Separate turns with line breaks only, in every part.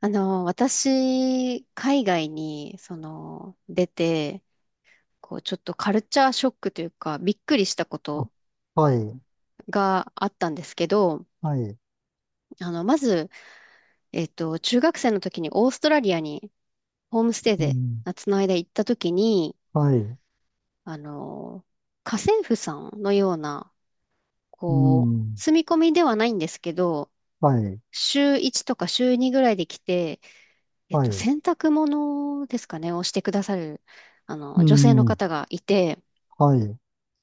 私、海外に、出て、ちょっとカルチャーショックというか、びっくりしたこ
あ、
と
はい、
があったんですけど、
はい、
まず、中学生の時にオーストラリアにホームステイ
う
で
ん、
夏の間行った時に、
はい、
あの、家政婦さんのような、
うん、
住み込みではないんですけど、
はい、
週1とか週2ぐらいで来て、
はい、
洗濯物ですかね、をしてくださる、
う
女性の
ん、
方がいて、
はい、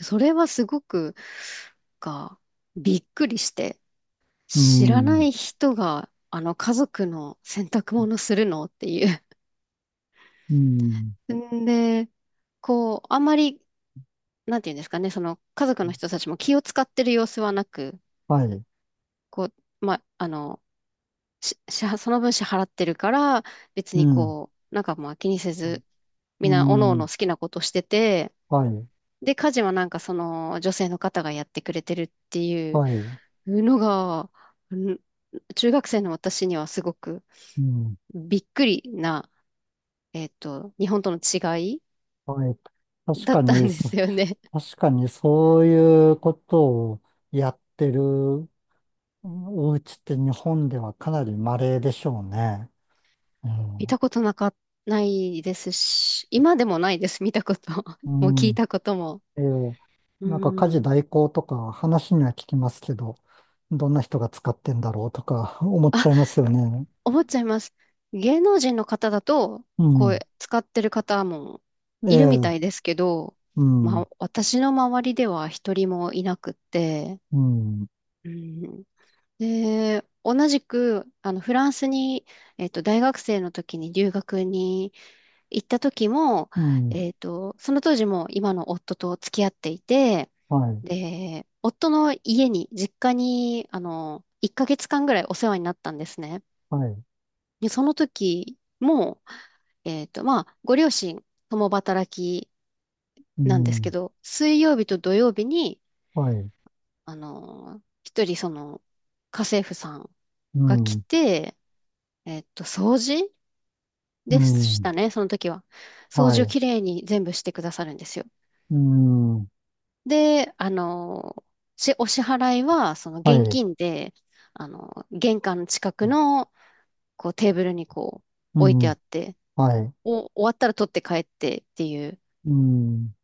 それはすごく、が、びっくりして、
う
知らな
ん、
い人が、家族の洗濯物するのっていう。
うん、
んで、あんまり、なんていうんですかね、家族の人たちも気を使ってる様子はなく、
はい、
こう、ま、あの、し、支払その分支払ってるから、別
う
に
ん、
なんかまあ気にせず、
う
みんな、おのおの
ん、
好きなことしてて、
はい、
で、家事はなんかその女性の方がやってくれてるっていう
はい、
のが、ん中学生の私にはすごく
うん、
びっくりな、日本との違い
はい。確
だっ
か
た
に、
んで
そ
すよね。
確かにそういうことをやってるうんお家って日本ではかなり稀でしょうね。う
見
ん、
たことなか、ないですし、今でもないです、見たこと。
う
もう聞い
ん
たことも。
ええ、
う
なんか家事
ん。
代行とか話には聞きますけど、どんな人が使ってんだろうとか思っち
あ
ゃいますよね。
思っちゃいます。芸能人の方だと、
うん。
使ってる方も
え
いるみ
え、
たいですけど、
う
ま
ん、
あ、私の周りでは一人もいなくって、
うん、
うん、で、同じく、フランスに、大学生の時に留学に行った時も、
うん、
その当時も今の夫と付き合っていて、
はい、
で、夫の家に、実家に、1ヶ月間ぐらいお世話になったんですね。
はい、
で、その時も、まあ、ご両親、共働き
う
なんですけ
ん、
ど、水曜日と土曜日に、
はい、
一人、家政婦さん
う
が来
ん、
て、掃除
う
でし
ん、
たね、その時は。掃
は
除を
い、
きれいに全部してくださるんですよ。
うん、
で、お支払いは、
は
現
い、
金で、玄関の近くの、テーブルに、
う
置いてあ
ん、
って、
はい、
終わったら取って帰ってっていう、
うん、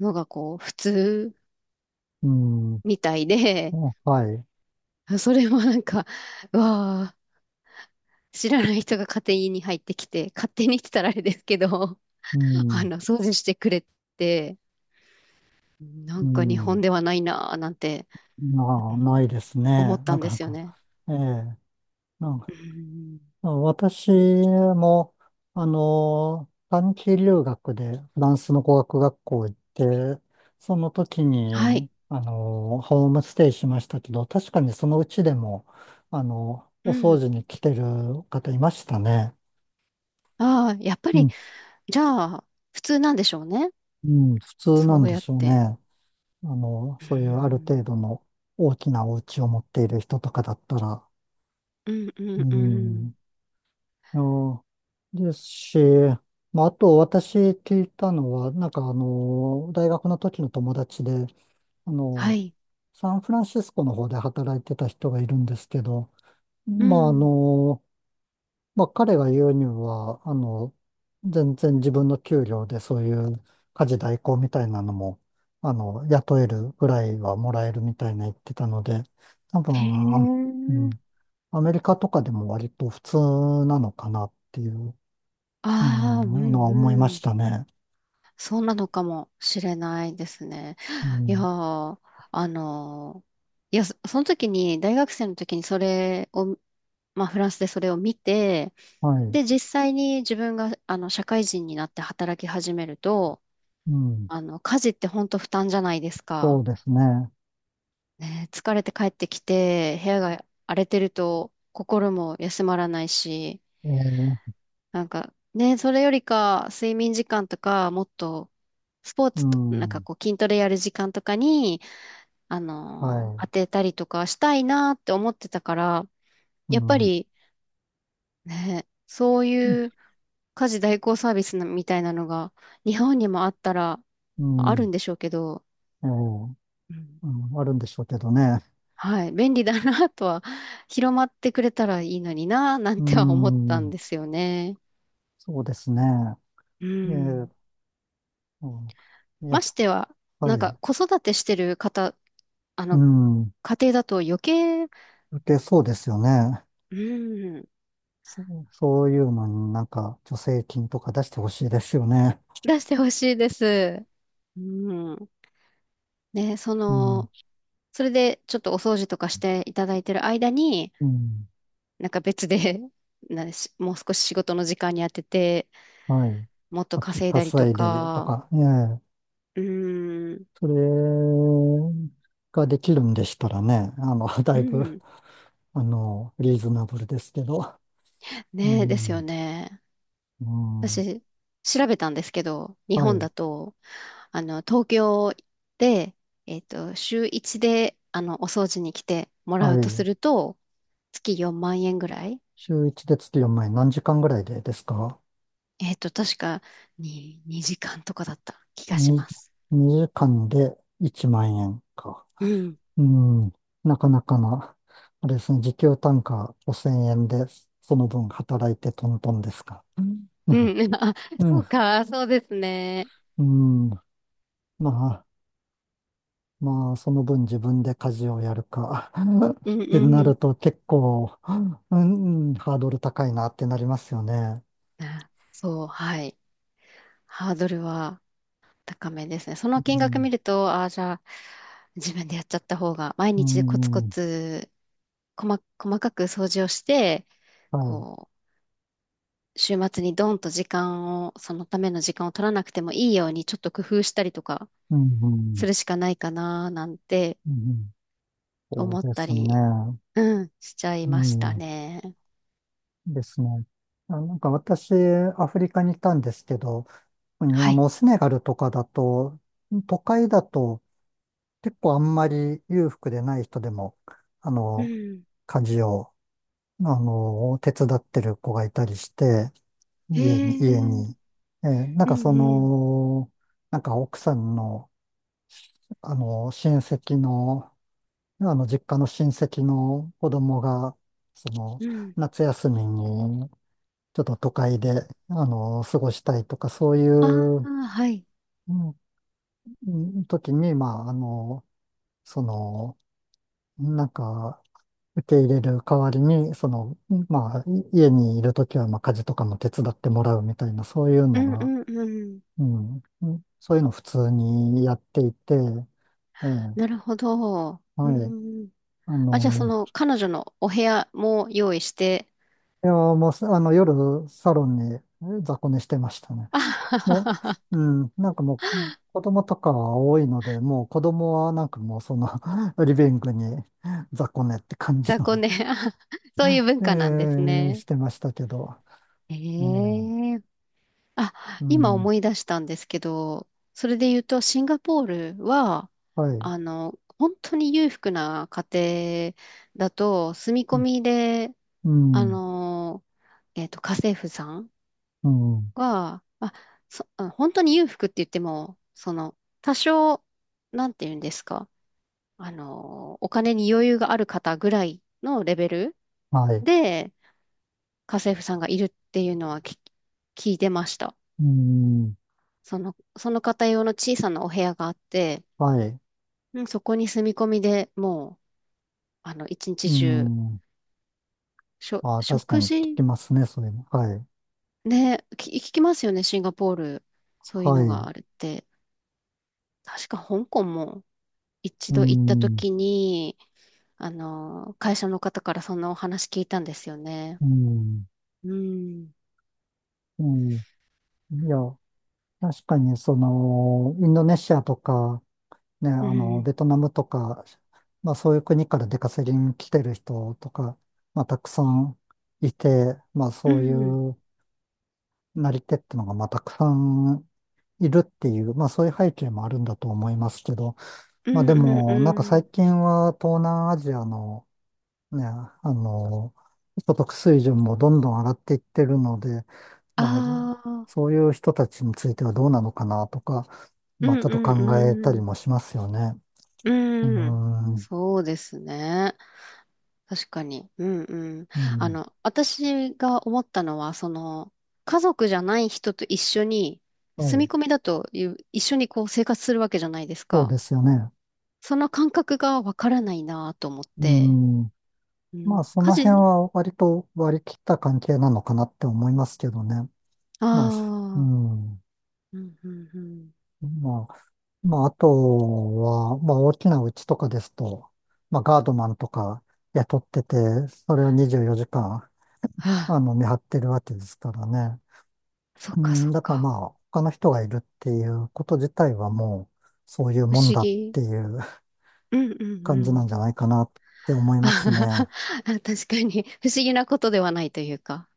のが普通
うん、
みたいで、
はい、
それもなんか、うわー知らない人が勝手に入ってきて、勝手にって言ったらあれですけど、
うん、
掃除してくれて、な
う
んか日
ん、
本ではないなーなんて、う
な、
ん
ないです
思
ね。
った
な
んで
かな
すよ
か。
ね。
ええ、なんか
うん、
私も、短期留学でフランスの語学学校行って、その時
は
に、
い。
ホームステイしましたけど、確かにそのうちでも、お
う
掃
ん。
除に来てる方いましたね。
ああ、やっぱ
う
り、
ん、
じゃあ、普通なんでしょうね。
うん、普通な
そ
ん
う
で
やっ
しょう
て。
ね。
う
そういうある程
ん。
度の大きなお家を持っている人とかだったら。
うんう
う
んうん。
んうんですし、まあ、あと私聞いたのは、なんか大学の時の友達で、あ
は
の、
い。
サンフランシスコの方で働いてた人がいるんですけど、
う
まあ
ん。
まあ彼が言うには、全然自分の給料でそういう家事代行みたいなのも、雇えるぐらいはもらえるみたいな言ってたので、多
へ
分、うん、
え。
アメリカとかでも割と普通なのかなっていう。う
ああ、う
ん、のは
ん
思い
う
まし
ん。
たね。
そうなのかもしれないですね。
う
いや
ん、
ー、あのその時に、大学生の時にそれを、まあ、フランスでそれを見て、
はい。
で、実際に自分が、社会人になって働き始めると、
うん、
家事って本当負担じゃないです
そ
か。
うですね。
ね、疲れて帰ってきて、部屋が荒れてると、心も休まらないし、
えー、
なんか、ね、それよりか、睡眠時間とか、もっと、スポー
う
ツと、なんか
ん、
筋トレやる時間とかに、
は
当
い。
てたりとかしたいなって思ってたから、
う
やっぱ
ん、
り、ね、そういう家事代行サービスみたいなのが、日本にもあったら、
う
ある
ん、
んでしょうけど、
えー、
うん、
うん、あるんでしょうけどね。
はい、便利だなとは、広まってくれたらいいのにな、な
う
んては思ったん
ん、
ですよね。
そうですね。
う
えー、
ん。
うん、や
ま
っ
しては、
ぱ
なん
り、
か子育てしてる方あ
う
の、
ん、
家庭だと余計、
受けそうですよね。
うん、
そ、そういうのになんか助成金とか出してほしいですよね。
出してほしいです。うん。ね、
うん、
それでちょっとお掃除とかしていただいてる間に、
うん、
なんか別で、なんし、もう少し仕事の時間に当てて、
はい。
もっと
かつ、
稼いだりと
稼いでと
か、
か、ええ
うん、
それができるんでしたらね、だ
う
いぶ、
ん。
リーズナブルですけど。う
ね、ですよ
ん、
ね。
うん、
私、調べたんですけど、日
は
本だ
い、
と、東京で、週1で、お掃除に来てもら
は
うとす
い。
ると、月4万円ぐらい。
週1で月4万円、何時間ぐらいでですか
確かに2時間とかだった気がし
?2、
ます。
2時間で1万円か。
うん。
うん、なかなかな、あれですね、時給単価5000円で、その分働いてトントンですか。うん、
うん。あ、そ
う
うか、そうですね。
ん、うんままあ、その分自分で家事をやるか
う
っ
ん
てな
う
る
ん。
と結構、うん、ハードル高いなってなりますよね。
あ、そう、はい。ハードルは高めですね。そ
う
の金額
ん、
見ると、ああ、じゃあ、自分でやっちゃった方が、毎
う
日コツコ
ん、
ツ、細かく掃除をして、
はい。
こ週末にドンと時間を、そのための時間を取らなくてもいいように、ちょっと工夫したりとか
う
す
ん、
るしかないかな、なんて
うん、そう
思っ
で
た
すね。
り、うん、しちゃい
う
ました
ん、
ね。
ですね。あ、なんか私、アフリカにいたんですけど、
はい。
セネガルとかだと、都会だと結構あんまり裕福でない人でも、あ
う
の、
ん。
家事を、手伝ってる子がいたりして、
へ
家に、
え、う
家に。
ん
なん
う
か
ん、
なんか奥さんの、親戚の、実家の親戚の子供が、その、
うん。
夏休みに、ちょっと都会で、過ごしたいとか、そうい
ああ、
う、
はい。
うん、時に、まあ、その、なんか、受け入れる代わりに、その、まあ、家にいる時は、まあ、家事とかも手伝ってもらうみたいな、そういう
う
の
んう
が、
んうん。
うん、そういうの普通にやっていて、ええ、
なるほど。う
はい。
ん。
あ
あ、じゃあそ
の、
の彼女のお部屋も用意して、
いや、もう夜、サロンに雑魚寝してましたね。
あはは
も
は
う、
は。
なんかもう、子供とかは多いので、もう子供はなんかもうリビングに雑魚寝って感じ
雑魚
の、
寝、あ、そういう文
え
化なんです
え、
ね。
してましたけど、
え
ええ、
え、あ、
う
今
ん、
思い出したんですけど、それで言うと、シンガポールは、
はい、
本当に裕福な家庭だと、住み
う
込みで、
ん、
あ
うん、
の、家政婦さん
うん
が、本当に裕福って言っても、その、多少、なんて言うんですか、お金に余裕がある方ぐらいのレベル
はい、
で、家政婦さんがいるっていうのは聞いてました。
うん、
その方用の小さなお部屋があって、
はい、
うんそこに住み込みでもう、一
う
日中、
ん。ああ、確か
食
に聞
事。
きますね、それも。はい。
ね、聞きますよね、シンガポール。そういう
は
のが
い。
あるって。確か香港も一
う
度行った
ん。
時に、会社の方からそんなお話聞いたんですよね。
うん。
うん、
うん。いや、確かに、インドネシアとか、ね、
うん、
ベトナムとか、まあそういう国から出稼ぎに来てる人とか、まあたくさんいて、まあ
う
そうい
ん、
うなり手ってのが、まあたくさんいるっていう、まあそういう背景もあるんだと思いますけど、
う
まあ
ん、
で
うん、
も、
う
なんか最
ん。
近は東南アジアのね、所得水準もどんどん上がっていってるので、まあ、
ああ、
そういう人たちについてはどうなのかなとか、
う
ま
ん、
あ、ちょっと考えた
う
り
ん、
もしますよね。
う
うー
ん、うん。
ん、
そうですね。確かに。うんうん。
うん、
私が思ったのは、家族じゃない人と一緒に、
は
住
い、
み込みだという、一緒に生活するわけじゃないです
そう
か。
ですよね。
その感覚がわからないなと思っ
う
て。
ん、
う
まあ、
ん、
そ
家
の辺
事、
は割と割り切った関係なのかなって思いますけどね。まあ、う
ああ、
ん、
うんうんうん。
まあ、まあ、あとは、まあ、大きな家とかですと、まあ、ガードマンとか雇ってて、それを24時間、
あ
見張ってるわけですからね。
あ、そ
う
っかそ
ん、
っ
だから
か。
まあ、他の人がいるっていうこと自体はもう、そういう
不
もん
思
だっ
議。
ていう
うんうんう
感じなん
ん。
じゃないかなって思 い
あ
ます
はは
ね。
は。確かに、不思議なことではないというか。